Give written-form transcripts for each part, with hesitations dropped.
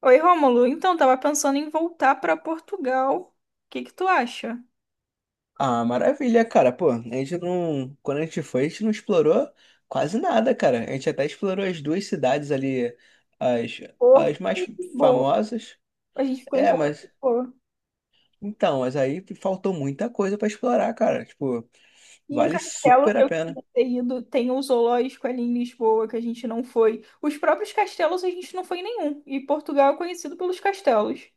Oi, Rômulo. Então, tava pensando em voltar para Portugal. O que que tu acha? Ah, maravilha, cara. Pô, a gente não. Quando a gente foi, a gente não explorou quase nada, cara. A gente até explorou as duas cidades ali, as, Porto as mais e Lisboa. famosas. A gente ficou em É, Porto e mas. Lisboa. Então, mas aí faltou muita coisa pra explorar, cara. Tipo, E um vale castelo super que a eu pena. queria ter ido, tem o zoológico ali em Lisboa, que a gente não foi. Os próprios castelos a gente não foi em nenhum. E Portugal é conhecido pelos castelos.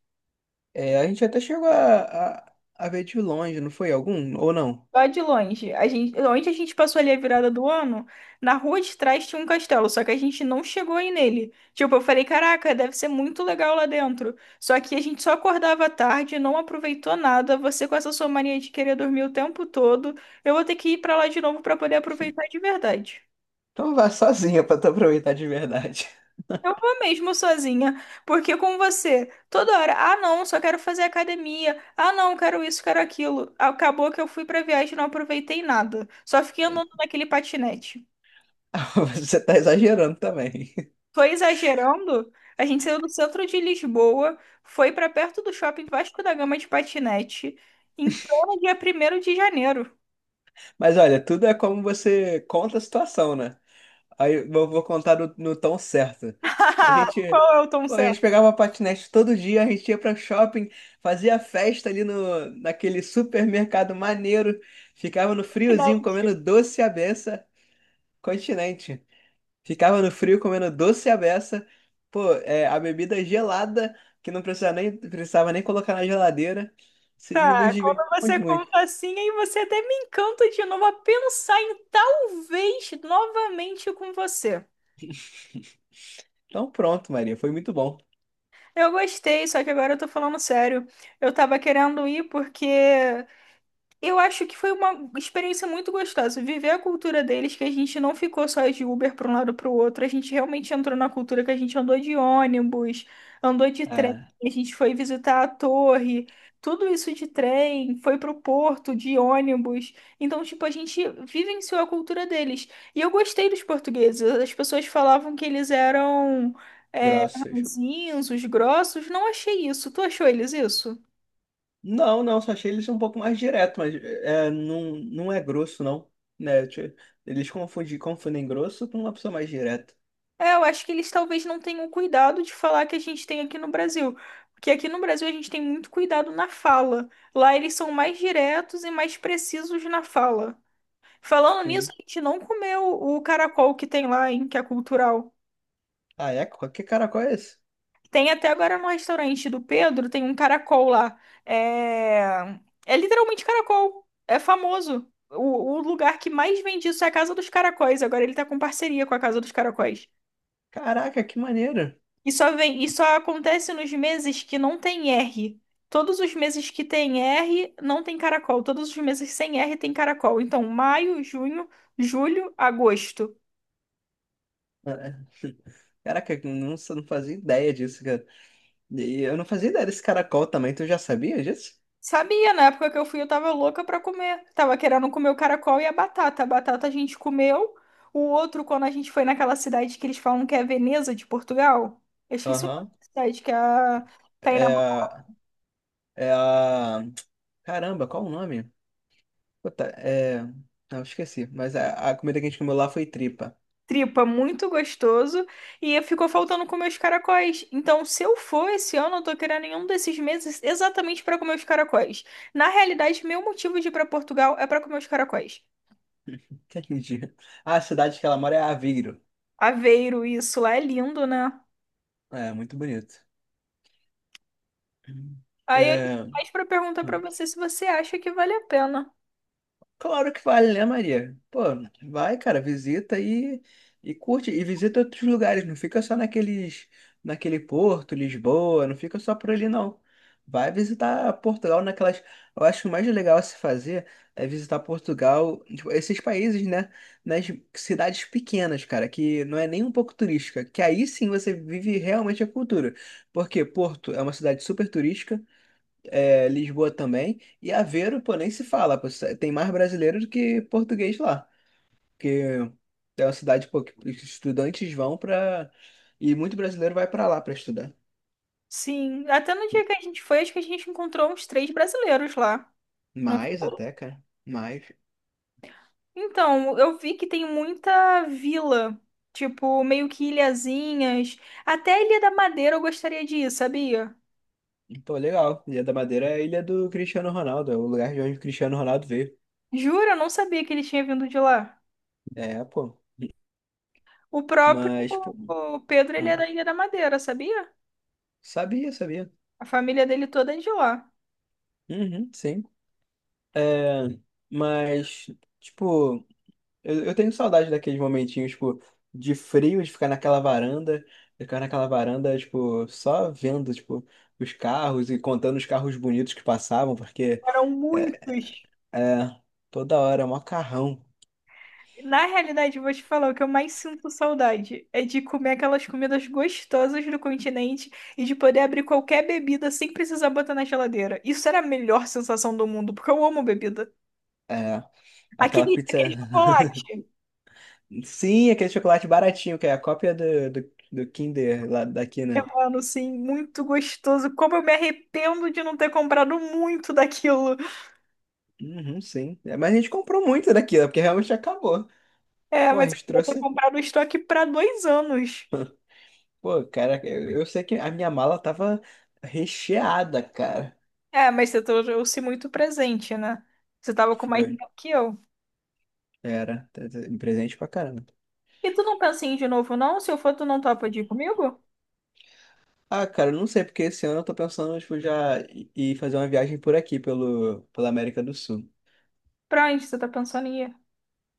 É, a gente até chegou a ver de longe, não foi algum? Ou não? Lá de longe. A gente, onde a gente passou ali a virada do ano, na rua de trás tinha um castelo, só que a gente não chegou aí nele. Tipo, eu falei, caraca, deve ser muito legal lá dentro. Só que a gente só acordava à tarde, não aproveitou nada. Você com essa sua mania de querer dormir o tempo todo, eu vou ter que ir pra lá de novo pra poder aproveitar de verdade. Então vá sozinha pra tu aproveitar de verdade. Eu vou mesmo sozinha, porque com você, toda hora, ah não, só quero fazer academia, ah não, quero isso, quero aquilo. Acabou que eu fui pra viagem e não aproveitei nada, só fiquei andando naquele patinete. Você tá exagerando também. Foi exagerando, a gente saiu do centro de Lisboa, foi pra perto do shopping Vasco da Gama de patinete, em pleno dia primeiro de janeiro. Mas olha, tudo é como você conta a situação, né? Aí eu vou contar no tom certo. A gente, Qual é o tom pô, a gente certo? pegava patinete todo dia, a gente ia pra shopping, fazia festa ali no, naquele supermercado maneiro, ficava no Né? friozinho comendo doce à beça, continente. Ficava no frio comendo doce à beça, pô, é, a bebida gelada, que não precisava nem, precisava nem colocar na geladeira. Nos Tá, quando divertimos você muito. conta assim, aí você até me encanta de novo a pensar em talvez novamente com você. Então pronto, Maria, foi muito bom. Eu gostei, só que agora eu tô falando sério. Eu tava querendo ir porque eu acho que foi uma experiência muito gostosa. Viver a cultura deles, que a gente não ficou só de Uber para um lado para o outro, a gente realmente entrou na cultura que a gente andou de ônibus, andou de trem, Ah, a gente foi visitar a torre, tudo isso de trem, foi para o porto de ônibus. Então, tipo, a gente vivenciou a cultura deles. E eu gostei dos portugueses. As pessoas falavam que eles eram é, grossos. ranzinhos, grossos. Não achei isso. Tu achou eles isso? Não, não, só achei eles um pouco mais direto, mas é, não, não é grosso, não. Né? Tipo, eles confundem, confundem grosso com uma pessoa mais direta. É, eu acho que eles talvez não tenham o cuidado de falar que a gente tem aqui no Brasil. Porque aqui no Brasil a gente tem muito cuidado na fala. Lá eles são mais diretos e mais precisos na fala. Falando nisso, Sim. a gente não comeu o caracol que tem lá, hein, que é cultural. Ah, é? Que caracol é esse? Tem até agora no restaurante do Pedro, tem um caracol lá. É, é literalmente caracol. É famoso. O lugar que mais vende isso é a Casa dos Caracóis. Agora ele tá com parceria com a Casa dos Caracóis. Caraca, que maneiro! E só vem, e só acontece nos meses que não tem R. Todos os meses que tem R não tem caracol. Todos os meses sem R tem caracol. Então, maio, junho, julho, agosto. Ah, é. Caraca, eu não fazia ideia disso, cara. E eu não fazia ideia desse caracol também, tu já sabia disso? Sabia, na época que eu fui, eu tava louca pra comer. Tava querendo comer o caracol e a batata. A batata a gente comeu. O outro, quando a gente foi naquela cidade que eles falam que é Veneza de Portugal. Eu esqueci o nome Aham. da cidade, que é a... Tá aí É, é a. Caramba, qual o nome? Puta, é. Não, esqueci. Mas a comida que a gente comeu lá foi tripa. tripa muito gostoso e ficou faltando comer os caracóis. Então, se eu for esse ano, eu tô querendo nenhum desses meses exatamente para comer os caracóis. Na realidade, meu motivo de ir para Portugal é para comer os caracóis. Entendi. A cidade que ela mora é Aveiro. Aveiro, isso lá é lindo, né? É, muito bonito. Aí eu liguei É. mais para perguntar para Hum. você se você acha que vale a pena. Claro que vale, né, Maria? Pô, vai, cara, visita e curte. E visita outros lugares, não fica só naqueles, naquele Porto, Lisboa, não fica só por ali, não. Vai visitar Portugal naquelas. Eu acho que o mais legal a se fazer é visitar Portugal, tipo, esses países, né? Nas cidades pequenas, cara, que não é nem um pouco turística, que aí sim você vive realmente a cultura. Porque Porto é uma cidade super turística, é, Lisboa também. E Aveiro, pô, nem se fala, pô, tem mais brasileiro do que português lá. Porque é uma cidade, pô, que os estudantes vão pra. E muito brasileiro vai pra lá pra estudar. Sim, até no dia que a gente foi, acho que a gente encontrou uns três brasileiros lá. Não Mais foi? até, cara. Mais. Então, eu vi que tem muita vila, tipo, meio que ilhazinhas. Até a Ilha da Madeira eu gostaria de ir, sabia? Pô, legal. Ilha da Madeira é a ilha do Cristiano Ronaldo, é o lugar de onde o Cristiano Ronaldo veio. Jura? Eu não sabia que ele tinha vindo de lá. É, pô. O próprio Mas, pô. o Pedro, ele Ah, é da Ilha da Madeira, sabia? sabia, sabia. A família dele toda é de lá. Uhum, sim. É, mas, tipo. Eu tenho saudade daqueles momentinhos, tipo, de frio, de ficar naquela varanda, tipo, só vendo, tipo, os carros e contando os carros bonitos que passavam, porque Eram é, muitos. é, toda hora é um macarrão. Na realidade, eu vou te falar, o que eu mais sinto saudade é de comer aquelas comidas gostosas do continente e de poder abrir qualquer bebida sem precisar botar na geladeira. Isso era a melhor sensação do mundo, porque eu amo bebida. É, aquela Aquele, pizza. aquele chocolate. Sim, aquele chocolate baratinho, que é a cópia do Kinder lá daqui, Eu, né? mano, sim, muito gostoso. Como eu me arrependo de não ter comprado muito daquilo. Uhum, sim. É, mas a gente comprou muito daquilo, porque realmente acabou. É, Pô, a mas eu gente queria ter trouxe. comprado o estoque para 2 anos. Pô, cara, eu sei que a minha mala tava recheada, cara. É, mas você trouxe muito presente, né? Você tava com mais Foi. dinheiro que eu. Era, presente pra caramba. E tu não pensa em ir de novo, não? Se eu for, tu não topa de ir comigo? Ah, cara, eu não sei, porque esse ano eu tô pensando, tipo, ir fazer uma viagem por aqui, pela América do Sul. Pra onde você tá pensando em ir?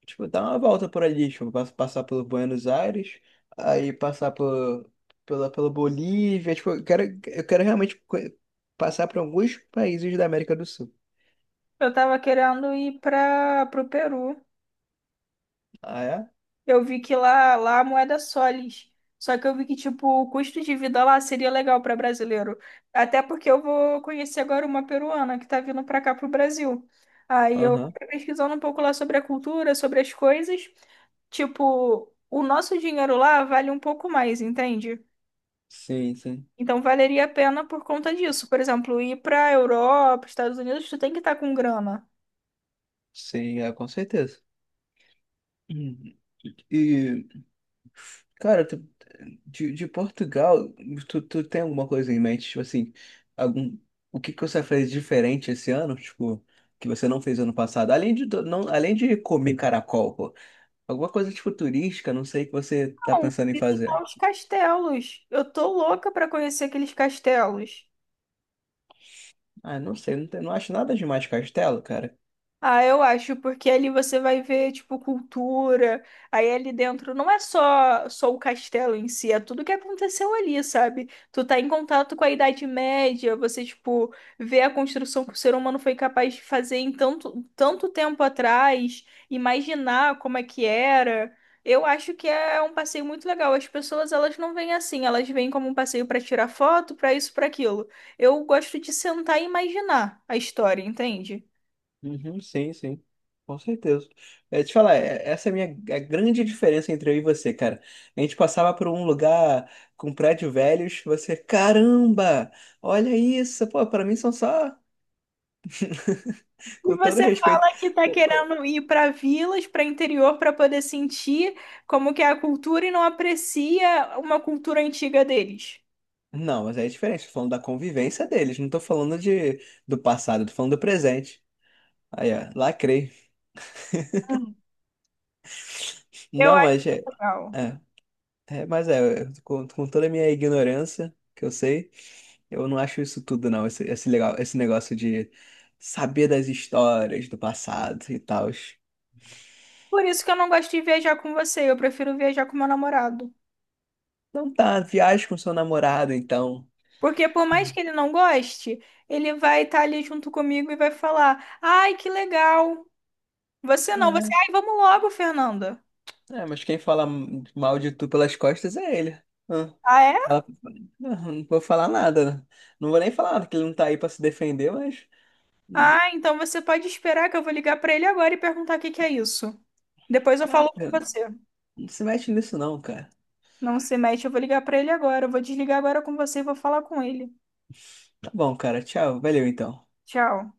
Tipo, dar uma volta por ali, tipo, passar pelo Buenos Aires, aí passar por, pela Bolívia, tipo, eu quero realmente passar por alguns países da América do Sul. Eu tava querendo ir pro Peru. Ah, é? Eu vi que lá a moeda é soles. Só que eu vi que, tipo, o custo de vida lá seria legal para brasileiro. Até porque eu vou conhecer agora uma peruana que tá vindo para cá pro Brasil. Aí eu Aham. fui pesquisando um pouco lá sobre a cultura, sobre as coisas. Tipo, o nosso dinheiro lá vale um pouco mais, entende? Sim, sim. Então valeria a pena por conta disso. Por exemplo, ir para Europa, Estados Unidos, tu tem que estar com grana. Sim, é, com certeza. Uhum. E cara, tu, de Portugal, tu tem alguma coisa em mente? Tipo assim, algum, o que que você fez diferente esse ano? Tipo, que você não fez ano passado? Além de, não, além de comer caracol, pô. Alguma coisa tipo turística, não sei, que você tá Não, pensando em fazer. visitar os castelos. Eu tô louca para conhecer aqueles castelos. Ah, não sei, não, não acho nada demais de castelo, cara. Ah, eu acho, porque ali você vai ver, tipo, cultura. Aí ali dentro não é só o castelo em si, é tudo que aconteceu ali, sabe? Tu tá em contato com a Idade Média, você, tipo, vê a construção que o ser humano foi capaz de fazer em tanto, tanto tempo atrás, imaginar como é que era. Eu acho que é um passeio muito legal. As pessoas, elas não vêm assim, elas vêm como um passeio pra tirar foto, pra isso, pra aquilo. Eu gosto de sentar e imaginar a história, entende? Uhum, sim, sim, com certeza. É, te falar, essa é a minha é a grande diferença entre eu e você, cara. A gente passava por um lugar com prédio velhos, você, caramba, olha isso, pô, pra mim são só, E com todo você respeito. fala que tá Pô. querendo ir para vilas, para interior, para poder sentir como que é a cultura e não aprecia uma cultura antiga deles. Não, mas é diferente, tô falando da convivência deles, não tô falando de, do passado, tô falando do presente. Aí, ó, lacrei. Hum. Eu Não, acho mas é, legal. é, é, mas é, com toda a minha ignorância que eu sei. Eu não acho isso tudo, não. Esse legal, esse negócio de saber das histórias do passado e tal. Por isso que eu não gosto de viajar com você, eu prefiro viajar com meu namorado. Não tá, viaje com seu namorado, então. Porque por mais Hum. que ele não goste, ele vai estar ali junto comigo e vai falar: "Ai, que legal". Você não, você, "Ai, vamos logo, Fernanda". É, é, mas quem fala mal de tu pelas costas é ele. Ah, Ah, é? fala- não, não vou falar nada. Não vou nem falar nada, que ele não tá aí pra se defender, mas. Hum. Ah, então você pode esperar que eu vou ligar para ele agora e perguntar o que que é isso. Depois eu Ah, falo com você. não se mete nisso, não, cara. Não se mete, eu vou ligar pra ele agora. Eu vou desligar agora com você e vou falar com ele. Tá bom, cara. Tchau. Valeu, então. Tchau.